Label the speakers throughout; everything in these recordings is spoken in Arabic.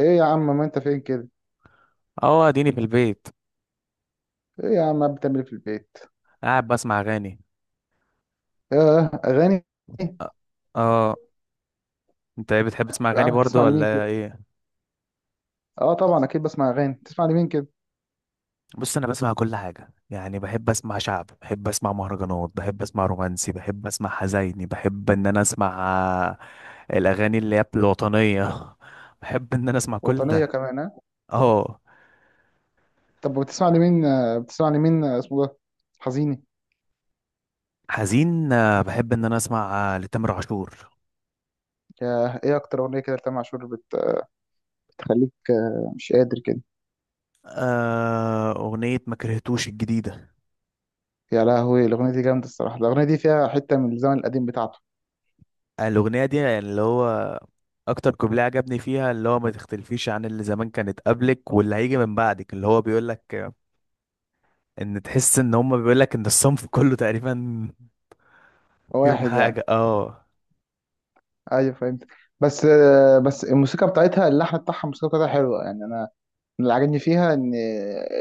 Speaker 1: ايه يا عم، ما انت فين كده؟
Speaker 2: اه، اديني في البيت.
Speaker 1: ايه يا عم قاعد بتعمل ايه في البيت؟
Speaker 2: قاعد بسمع اغاني.
Speaker 1: اه، اغاني.
Speaker 2: أ- اه انت ايه بتحب تسمع اغاني
Speaker 1: قاعد بتسمع
Speaker 2: برضو
Speaker 1: لمين كده؟
Speaker 2: ولا ايه؟
Speaker 1: اه طبعا اكيد بسمع اغاني. بتسمع لمين كده؟
Speaker 2: بص، انا بسمع كل حاجه. يعني بحب اسمع شعب، بحب اسمع مهرجانات، بحب اسمع رومانسي، بحب اسمع حزيني، بحب ان انا اسمع آه، الاغاني اللي هي الوطنيه بحب ان انا اسمع كل
Speaker 1: وطنيه
Speaker 2: ده.
Speaker 1: كمان، ها؟
Speaker 2: اه.
Speaker 1: طب بتسمع لمين، بتسمع لمين اسمه ده؟ حزيني.
Speaker 2: حزين، بحب ان انا اسمع، لتامر عاشور.
Speaker 1: يا، ايه اكتر اغنيه كده لتامر عاشور بتخليك مش قادر كده؟
Speaker 2: اغنيه ما كرهتوش الجديده.
Speaker 1: يا لهوي، الاغنيه دي جامده الصراحه. الاغنيه دي فيها حته من الزمن القديم بتاعته.
Speaker 2: الاغنيه دي يعني اللي هو اكتر كوبليه عجبني فيها، اللي هو ما تختلفيش عن اللي زمان كانت قبلك واللي هيجي من بعدك، اللي هو بيقول لك ان تحس ان هم بيقول لك ان الصنف كله تقريبا فيهم
Speaker 1: واحد يعني.
Speaker 2: حاجه. اه.
Speaker 1: ايوه فهمت. بس الموسيقى بتاعتها، اللحن بتاعها، الموسيقى بتاعتها حلوه، يعني انا من اللي عاجبني فيها ان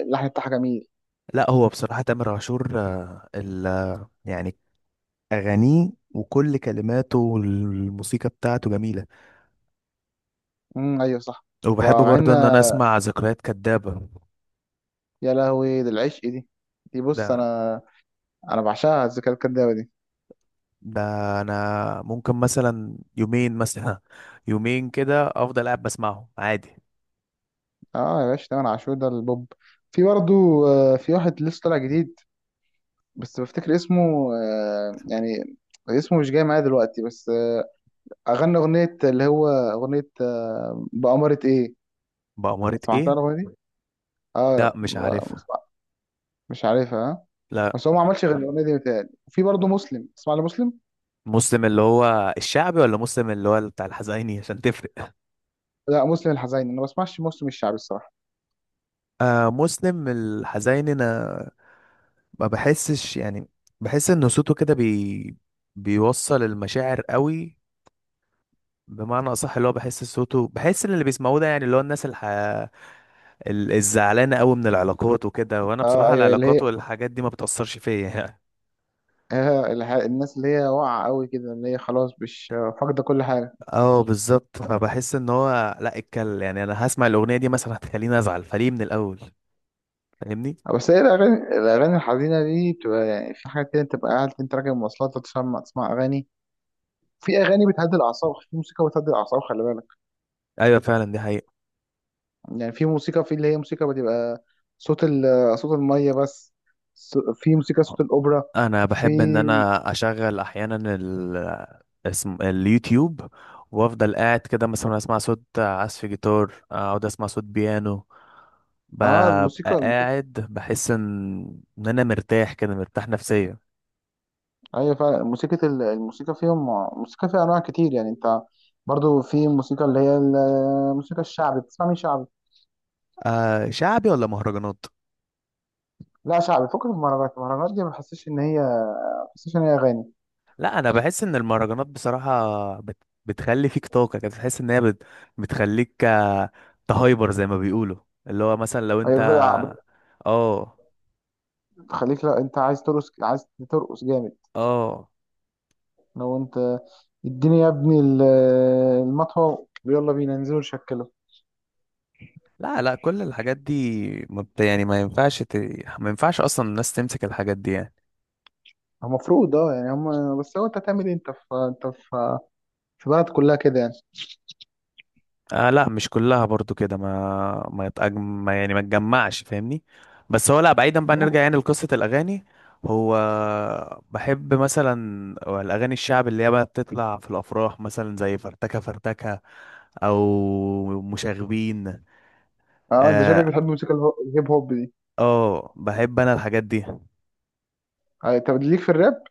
Speaker 1: اللحن بتاعها جميل.
Speaker 2: لا هو بصراحه تامر عاشور آه، ال يعني اغانيه وكل كلماته والموسيقى بتاعته جميله.
Speaker 1: ايوه صح.
Speaker 2: وبحب
Speaker 1: ومع ان
Speaker 2: برضه ان انا اسمع ذكريات كدابه.
Speaker 1: يا لهوي، ده العشق. دي بص
Speaker 2: ده
Speaker 1: انا، انا بعشقها الذكريات الكدابه دي.
Speaker 2: ده انا ممكن مثلا يومين، مثلا يومين كده افضل قاعد بسمعه عادي.
Speaker 1: اه يا باشا، تامر عاشور ده البوب. في برضه، في واحد لسه طالع جديد بس بفتكر اسمه، يعني اسمه مش جاي معايا دلوقتي، بس اغنى اغنيه اللي هو اغنيه، بأمارة ايه.
Speaker 2: بأمارة
Speaker 1: سمعتها
Speaker 2: ايه؟
Speaker 1: الاغنيه دي؟
Speaker 2: لا،
Speaker 1: اه.
Speaker 2: مش
Speaker 1: مش
Speaker 2: عارفها.
Speaker 1: مش عارفها، ها؟
Speaker 2: لا،
Speaker 1: بس هو ما عملش غير الاغنيه دي، متهيألي. وفي برضه مسلم. تسمع لمسلم؟
Speaker 2: مسلم اللي هو الشعبي ولا مسلم اللي هو بتاع الحزيني عشان تفرق؟
Speaker 1: لا، مسلم الحزين. انا ما بسمعش مسلم الشعبي الصراحه.
Speaker 2: آه، مسلم الحزيني. انا ما بحسش يعني. بحس ان صوته كده بيوصل المشاعر قوي. بمعنى اصح، اللي هو بحس صوته، بحس ان اللي بيسمعوه ده يعني اللي هو الناس الح... الزعلانه قوي من العلاقات وكده. وانا
Speaker 1: اه
Speaker 2: بصراحه
Speaker 1: ايوه، اللي
Speaker 2: العلاقات
Speaker 1: هي
Speaker 2: والحاجات دي ما بتاثرش فيا يعني.
Speaker 1: الناس اللي هي واقعة قوي كده، اللي هي خلاص مش فاقدة كل حاجة.
Speaker 2: اه، بالظبط. فبحس ان هو لا اتكل، يعني انا هسمع الاغنيه دي مثلا هتخليني ازعل، فليه من الاول؟ فاهمني؟
Speaker 1: بس هي الأغاني الحزينة دي بتبقى يعني في حاجات كده، تبقى قاعد أنت راكب مواصلات، تسمع أغاني. في أغاني بتهدي الأعصاب، في موسيقى بتهدي الأعصاب، خلي بالك.
Speaker 2: ايوه، فعلا دي حقيقه.
Speaker 1: يعني في موسيقى، في اللي هي موسيقى بتبقى صوت ال صوت المية بس. في موسيقى صوت الأوبرا.
Speaker 2: انا
Speaker 1: في،
Speaker 2: بحب ان انا اشغل احيانا ال... اسم اليوتيوب، وافضل قاعد كده مثلا اسمع صوت عزف جيتار، اقعد اسمع صوت بيانو.
Speaker 1: اه
Speaker 2: ببقى
Speaker 1: الموسيقى.
Speaker 2: قاعد بحس ان ان انا مرتاح كده، مرتاح نفسيا.
Speaker 1: ايوه فعلا، موسيقى الموسيقى فيهم، موسيقى فيها انواع كتير يعني. انت برضو في موسيقى اللي هي الموسيقى الشعبي. بتسمع مين شعبي؟
Speaker 2: آه، شعبي ولا مهرجانات؟
Speaker 1: لا شعبي، فكك من المهرجانات دي ما بحسش ان هي، ما بحسش ان هي اغاني.
Speaker 2: لا، انا بحس ان المهرجانات بصراحة بت... بتخلي فيك طاقة كده، تحس ان هي بت... بتخليك تهايبر زي ما بيقولوا. اللي هو مثلا لو
Speaker 1: هي
Speaker 2: انت.
Speaker 1: بت-
Speaker 2: اه.
Speaker 1: بتخليك، لا، انت عايز ترقص، عايز ترقص جامد.
Speaker 2: اه.
Speaker 1: لو انت اديني يا ابني المطوه ويلا بينا ننزل نشكله.
Speaker 2: لا، لا، كل الحاجات دي مبت... يعني ما ينفعش ت... ما ينفعش اصلا الناس تمسك الحاجات دي يعني.
Speaker 1: المفروض اه، يعني هم، بس هو انت هتعمل ايه؟ انت في في بلد كلها كده يعني.
Speaker 2: آه لا، مش كلها برضو كده. ما يتأج... ما يعني ما تجمعش، فاهمني؟ بس هو لا، بعيدا بقى
Speaker 1: المهم،
Speaker 2: نرجع يعني لقصة الاغاني. هو بحب مثلا الاغاني الشعب اللي هي بقى بتطلع في الافراح، مثلا زي فرتكه فرتكه، او مشاغبين.
Speaker 1: اه انت شكلك
Speaker 2: اه.
Speaker 1: بتحب الموسيقى الهيب هوب دي.
Speaker 2: بحب انا الحاجات دي.
Speaker 1: اه، طب ليك في الراب؟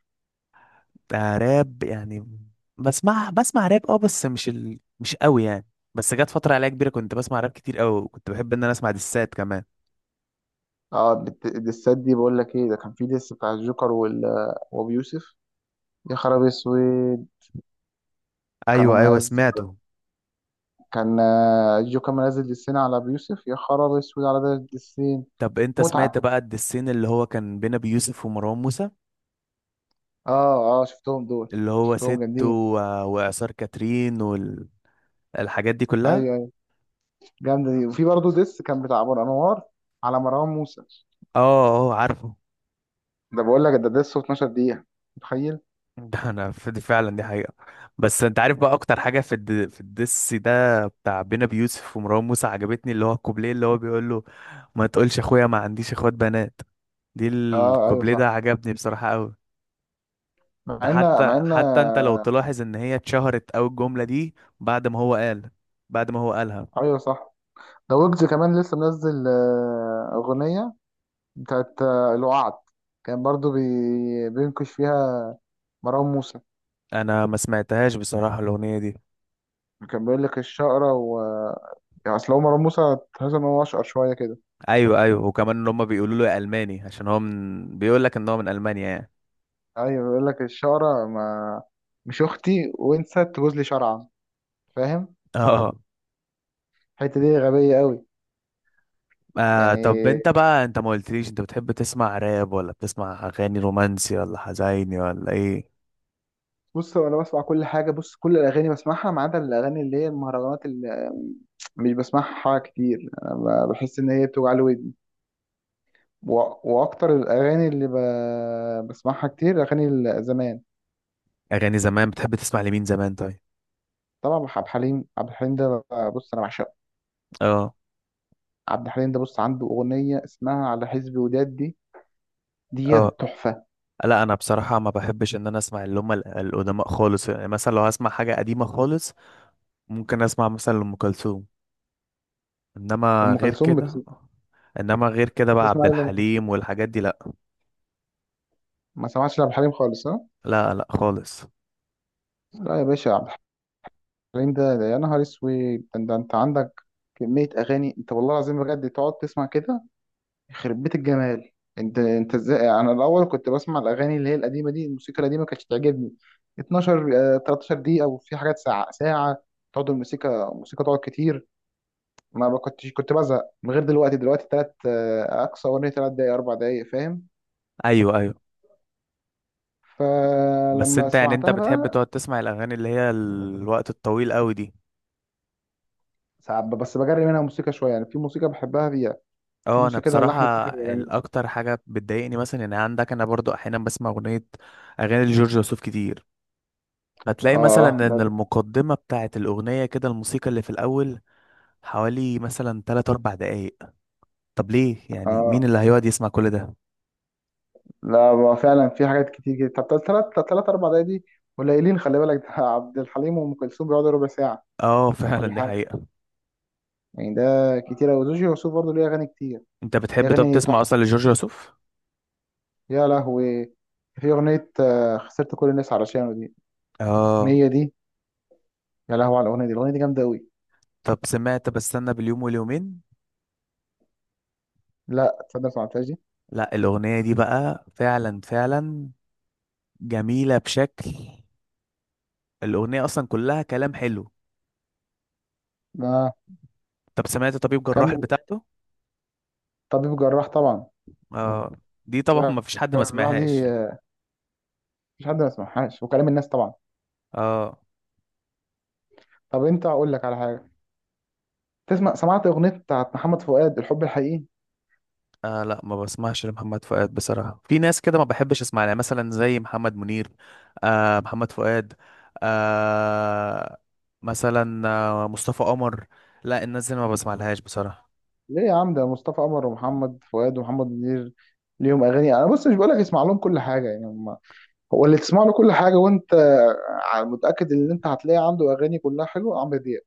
Speaker 2: راب يعني؟ بسمع راب اه، بس مش ال... مش قوي يعني. بس جت فترة عليا كبيرة كنت بسمع راب كتير قوي، وكنت بحب ان انا اسمع دسات كمان.
Speaker 1: اه، الدسات دي بقول لك ايه، ده كان في ديس بتاع الجوكر وابي يوسف. يا خرابي اسود.
Speaker 2: ايوه
Speaker 1: كانوا،
Speaker 2: ايوه، سمعته.
Speaker 1: كان جو كان منزل دسين على أبو يوسف. يا خراب اسود على ده الدسين.
Speaker 2: طب انت سمعت
Speaker 1: متعة.
Speaker 2: بقى الدسين اللي هو كان بين ابي يوسف ومروان موسى،
Speaker 1: اه اه، شفتهم دول،
Speaker 2: اللي هو
Speaker 1: شفتهم
Speaker 2: ست و...
Speaker 1: جامدين.
Speaker 2: وإعصار كاترين والحاجات دي كلها؟
Speaker 1: ايوه ايوه، جامدة دي. وفي برضه ديس كان بتاع أبو الأنوار على مروان موسى.
Speaker 2: اه. اه، عارفه.
Speaker 1: ده بقول لك ده ديس 12 دقيقة، متخيل؟
Speaker 2: دي فعلا دي حقيقة. بس انت عارف بقى اكتر حاجة في الد... في الدس ده بتاع بينا بيوسف ومروان موسى عجبتني، اللي هو الكوبليه اللي هو بيقول له: ما تقولش اخويا ما عنديش اخوات بنات. دي
Speaker 1: اه ايوه
Speaker 2: الكوبليه ده
Speaker 1: صح.
Speaker 2: عجبني بصراحة قوي.
Speaker 1: مع
Speaker 2: ده
Speaker 1: ان، مع
Speaker 2: حتى
Speaker 1: ان
Speaker 2: حتى انت لو تلاحظ ان هي اتشهرت قوي الجملة دي بعد ما هو قال، بعد ما هو قالها.
Speaker 1: ايوه صح. ده ويجز كمان لسه منزل أغنية بتاعت الوعد. كان برضو بينكش فيها مروان موسى.
Speaker 2: انا ما سمعتهاش بصراحة الاغنية دي.
Speaker 1: كان بيقول لك الشقرة يعني اصل هو مروان موسى تحس ان هو اشقر شويه كده.
Speaker 2: ايوه ايوه، وكمان ان هم بيقولوا له يا الماني عشان هو من بيقول لك ان هو من المانيا يعني.
Speaker 1: ايوه، بيقول لك الشقره ما، مش اختي وانسى تجوز لي شرعا، فاهم.
Speaker 2: اه.
Speaker 1: الحته دي غبيه قوي.
Speaker 2: آه طب
Speaker 1: يعني
Speaker 2: انت بقى، انت ما قلتليش انت بتحب تسمع راب ولا بتسمع اغاني رومانسي ولا حزيني ولا ايه؟
Speaker 1: بص انا بسمع كل حاجه. بص، كل الاغاني بسمعها ما عدا الاغاني اللي هي المهرجانات، اللي مش بسمعها كتير انا. بحس ان هي بتوجع لي ودني و... واكتر الاغاني اللي بسمعها كتير اغاني زمان.
Speaker 2: اغاني زمان بتحب تسمع لمين زمان طيب؟
Speaker 1: طبعا عبد الحليم ده بص انا بعشقه.
Speaker 2: اه.
Speaker 1: عبد الحليم ده بص، عنده اغنيه اسمها على حسب وداد دي.
Speaker 2: اه.
Speaker 1: ديت تحفه.
Speaker 2: لا انا بصراحة ما بحبش ان انا اسمع اللي هم القدماء خالص. يعني مثلا لو هسمع حاجة قديمة خالص ممكن اسمع مثلا لأم كلثوم. انما
Speaker 1: ام
Speaker 2: غير
Speaker 1: كلثوم
Speaker 2: كده، انما غير كده بقى
Speaker 1: بتسمع
Speaker 2: عبد
Speaker 1: ايه لأم كلثوم؟
Speaker 2: الحليم والحاجات دي لا.
Speaker 1: ما سمعتش لعبد الحليم خالص، ها؟
Speaker 2: لا، لا خالص.
Speaker 1: لا يا باشا، عبد الحليم ده، يا نهار اسود. ده، انت عندك كميه اغاني، انت والله العظيم بجد تقعد تسمع كده، يخرب بيت الجمال. انت ازاي، انا الاول كنت بسمع الاغاني اللي هي القديمه دي، الموسيقى القديمه كانتش تعجبني. 12، 13 دقيقه، وفي حاجات ساعه ساعه، تقعد الموسيقى تقعد كتير. ما كنتش، كنت بزهق من غير. دلوقتي تلات اقصى اغنيه 3 دقايق، 4 دقايق، فاهم.
Speaker 2: ايوه ايوه. بس
Speaker 1: فلما
Speaker 2: انت يعني انت
Speaker 1: سمعتها
Speaker 2: بتحب
Speaker 1: بقى،
Speaker 2: تقعد تسمع الاغاني اللي هي الوقت الطويل قوي دي؟
Speaker 1: ساعات بس بجري منها موسيقى شويه، يعني في موسيقى بحبها فيها، في
Speaker 2: اه انا
Speaker 1: موسيقى ده
Speaker 2: بصراحه
Speaker 1: اللحن بتاعها بيبقى جميل.
Speaker 2: الاكتر حاجه بتضايقني مثلا ان عندك، انا برضو احيانا بسمع اغنيه، اغاني لجورج وسوف كتير،
Speaker 1: اه،
Speaker 2: فتلاقي مثلا
Speaker 1: آه، ده
Speaker 2: ان
Speaker 1: ب-
Speaker 2: المقدمه بتاعه الاغنيه كده، الموسيقى اللي في الاول حوالي مثلا 3 4 دقائق. طب ليه؟
Speaker 1: اه
Speaker 2: يعني مين اللي هيقعد يسمع كل ده؟
Speaker 1: لا، هو فعلا في حاجات كتير جدا. طب تلات، تلات 4 دقايق دي قليلين، خلي بالك ده عبد الحليم وام كلثوم بيقعدوا ربع ساعه
Speaker 2: اه
Speaker 1: ولا
Speaker 2: فعلا دي
Speaker 1: حاجه،
Speaker 2: حقيقه.
Speaker 1: يعني ده كتير قوي. وزوجي يوسف برضه ليه اغاني كتير،
Speaker 2: انت
Speaker 1: ليه
Speaker 2: بتحب طب
Speaker 1: اغاني
Speaker 2: تسمع اصلا
Speaker 1: تحفه.
Speaker 2: لجورج وسوف؟
Speaker 1: يا لهوي، في اغنيه خسرت كل الناس علشانه دي.
Speaker 2: اه.
Speaker 1: الاغنيه دي، يا لهوي على الاغنيه دي، الاغنيه دي جامده قوي.
Speaker 2: طب سمعت بستنى باليوم واليومين؟
Speaker 1: لا تصدق، ما سمعتهاش دي.
Speaker 2: لا الاغنيه دي بقى فعلا فعلا جميله بشكل. الاغنيه اصلا كلها كلام حلو.
Speaker 1: اه،
Speaker 2: طب سمعت طبيب جراح
Speaker 1: كمل.
Speaker 2: بتاعته؟
Speaker 1: طبيب جراح طبعا.
Speaker 2: اه، دي طبعا ما فيش حد ما
Speaker 1: جراح دي
Speaker 2: سمعهاش.
Speaker 1: مفيش حد ما سمعهاش، وكلام الناس طبعا.
Speaker 2: اه.
Speaker 1: طب انت هقول لك على حاجه. تسمع، سمعت اغنيه بتاعت محمد فؤاد، الحب الحقيقي؟
Speaker 2: آه لا، ما بسمعش لمحمد فؤاد بصراحة. في ناس كده ما بحبش اسمع لها، مثلا زي محمد منير، آه محمد فؤاد، آه، مثلا آه مصطفى قمر. لا الناس دي أنا ما بسمع لهاش بصراحة.
Speaker 1: ليه يا عم؟ ده مصطفى قمر ومحمد فؤاد ومحمد منير ليهم اغاني. انا بص، مش بقول لك اسمع لهم كل حاجه يعني، هم، هو اللي تسمع له كل حاجه وانت متاكد ان انت هتلاقي عنده اغاني كلها حلوه عمرو دياب.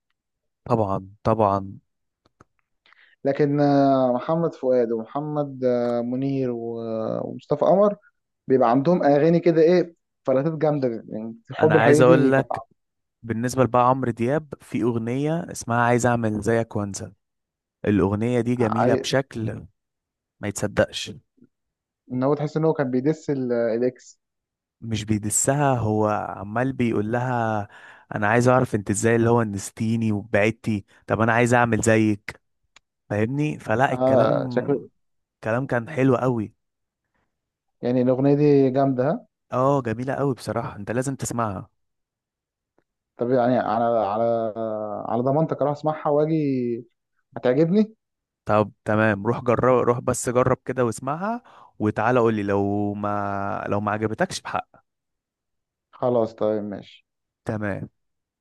Speaker 2: طبعا طبعا.
Speaker 1: لكن محمد فؤاد، ومحمد منير، ومصطفى قمر، بيبقى عندهم اغاني كده، ايه، فلاتات جامده يعني.
Speaker 2: انا
Speaker 1: الحب
Speaker 2: عايز
Speaker 1: الحقيقي
Speaker 2: اقول
Speaker 1: دي كانت
Speaker 2: لك بالنسبة لبقى عمرو دياب، في اغنية اسمها عايز اعمل زيك وانسى. الاغنية دي جميلة
Speaker 1: ع-
Speaker 2: بشكل ما يتصدقش.
Speaker 1: ان هو تحس ان هو كان بيدس الاكس.
Speaker 2: مش بيدسها، هو عمال بيقول لها: انا عايز اعرف انت ازاي اللي هو نستيني وبعدتي، طب انا عايز اعمل زيك. فاهمني؟ فلا،
Speaker 1: اه، شكل
Speaker 2: الكلام، الكلام كان حلو قوي.
Speaker 1: يعني الاغنيه دي جامده، ها؟
Speaker 2: اه جميلة قوي بصراحة، انت لازم تسمعها.
Speaker 1: طب يعني، على على ضمانتك اروح اسمعها واجي، هتعجبني.
Speaker 2: طب تمام، روح جرب، روح بس جرب كده واسمعها، وتعالى قولي لو ما، لو ما عجبتكش بحق.
Speaker 1: خلاص، طيب ماشي.
Speaker 2: تمام.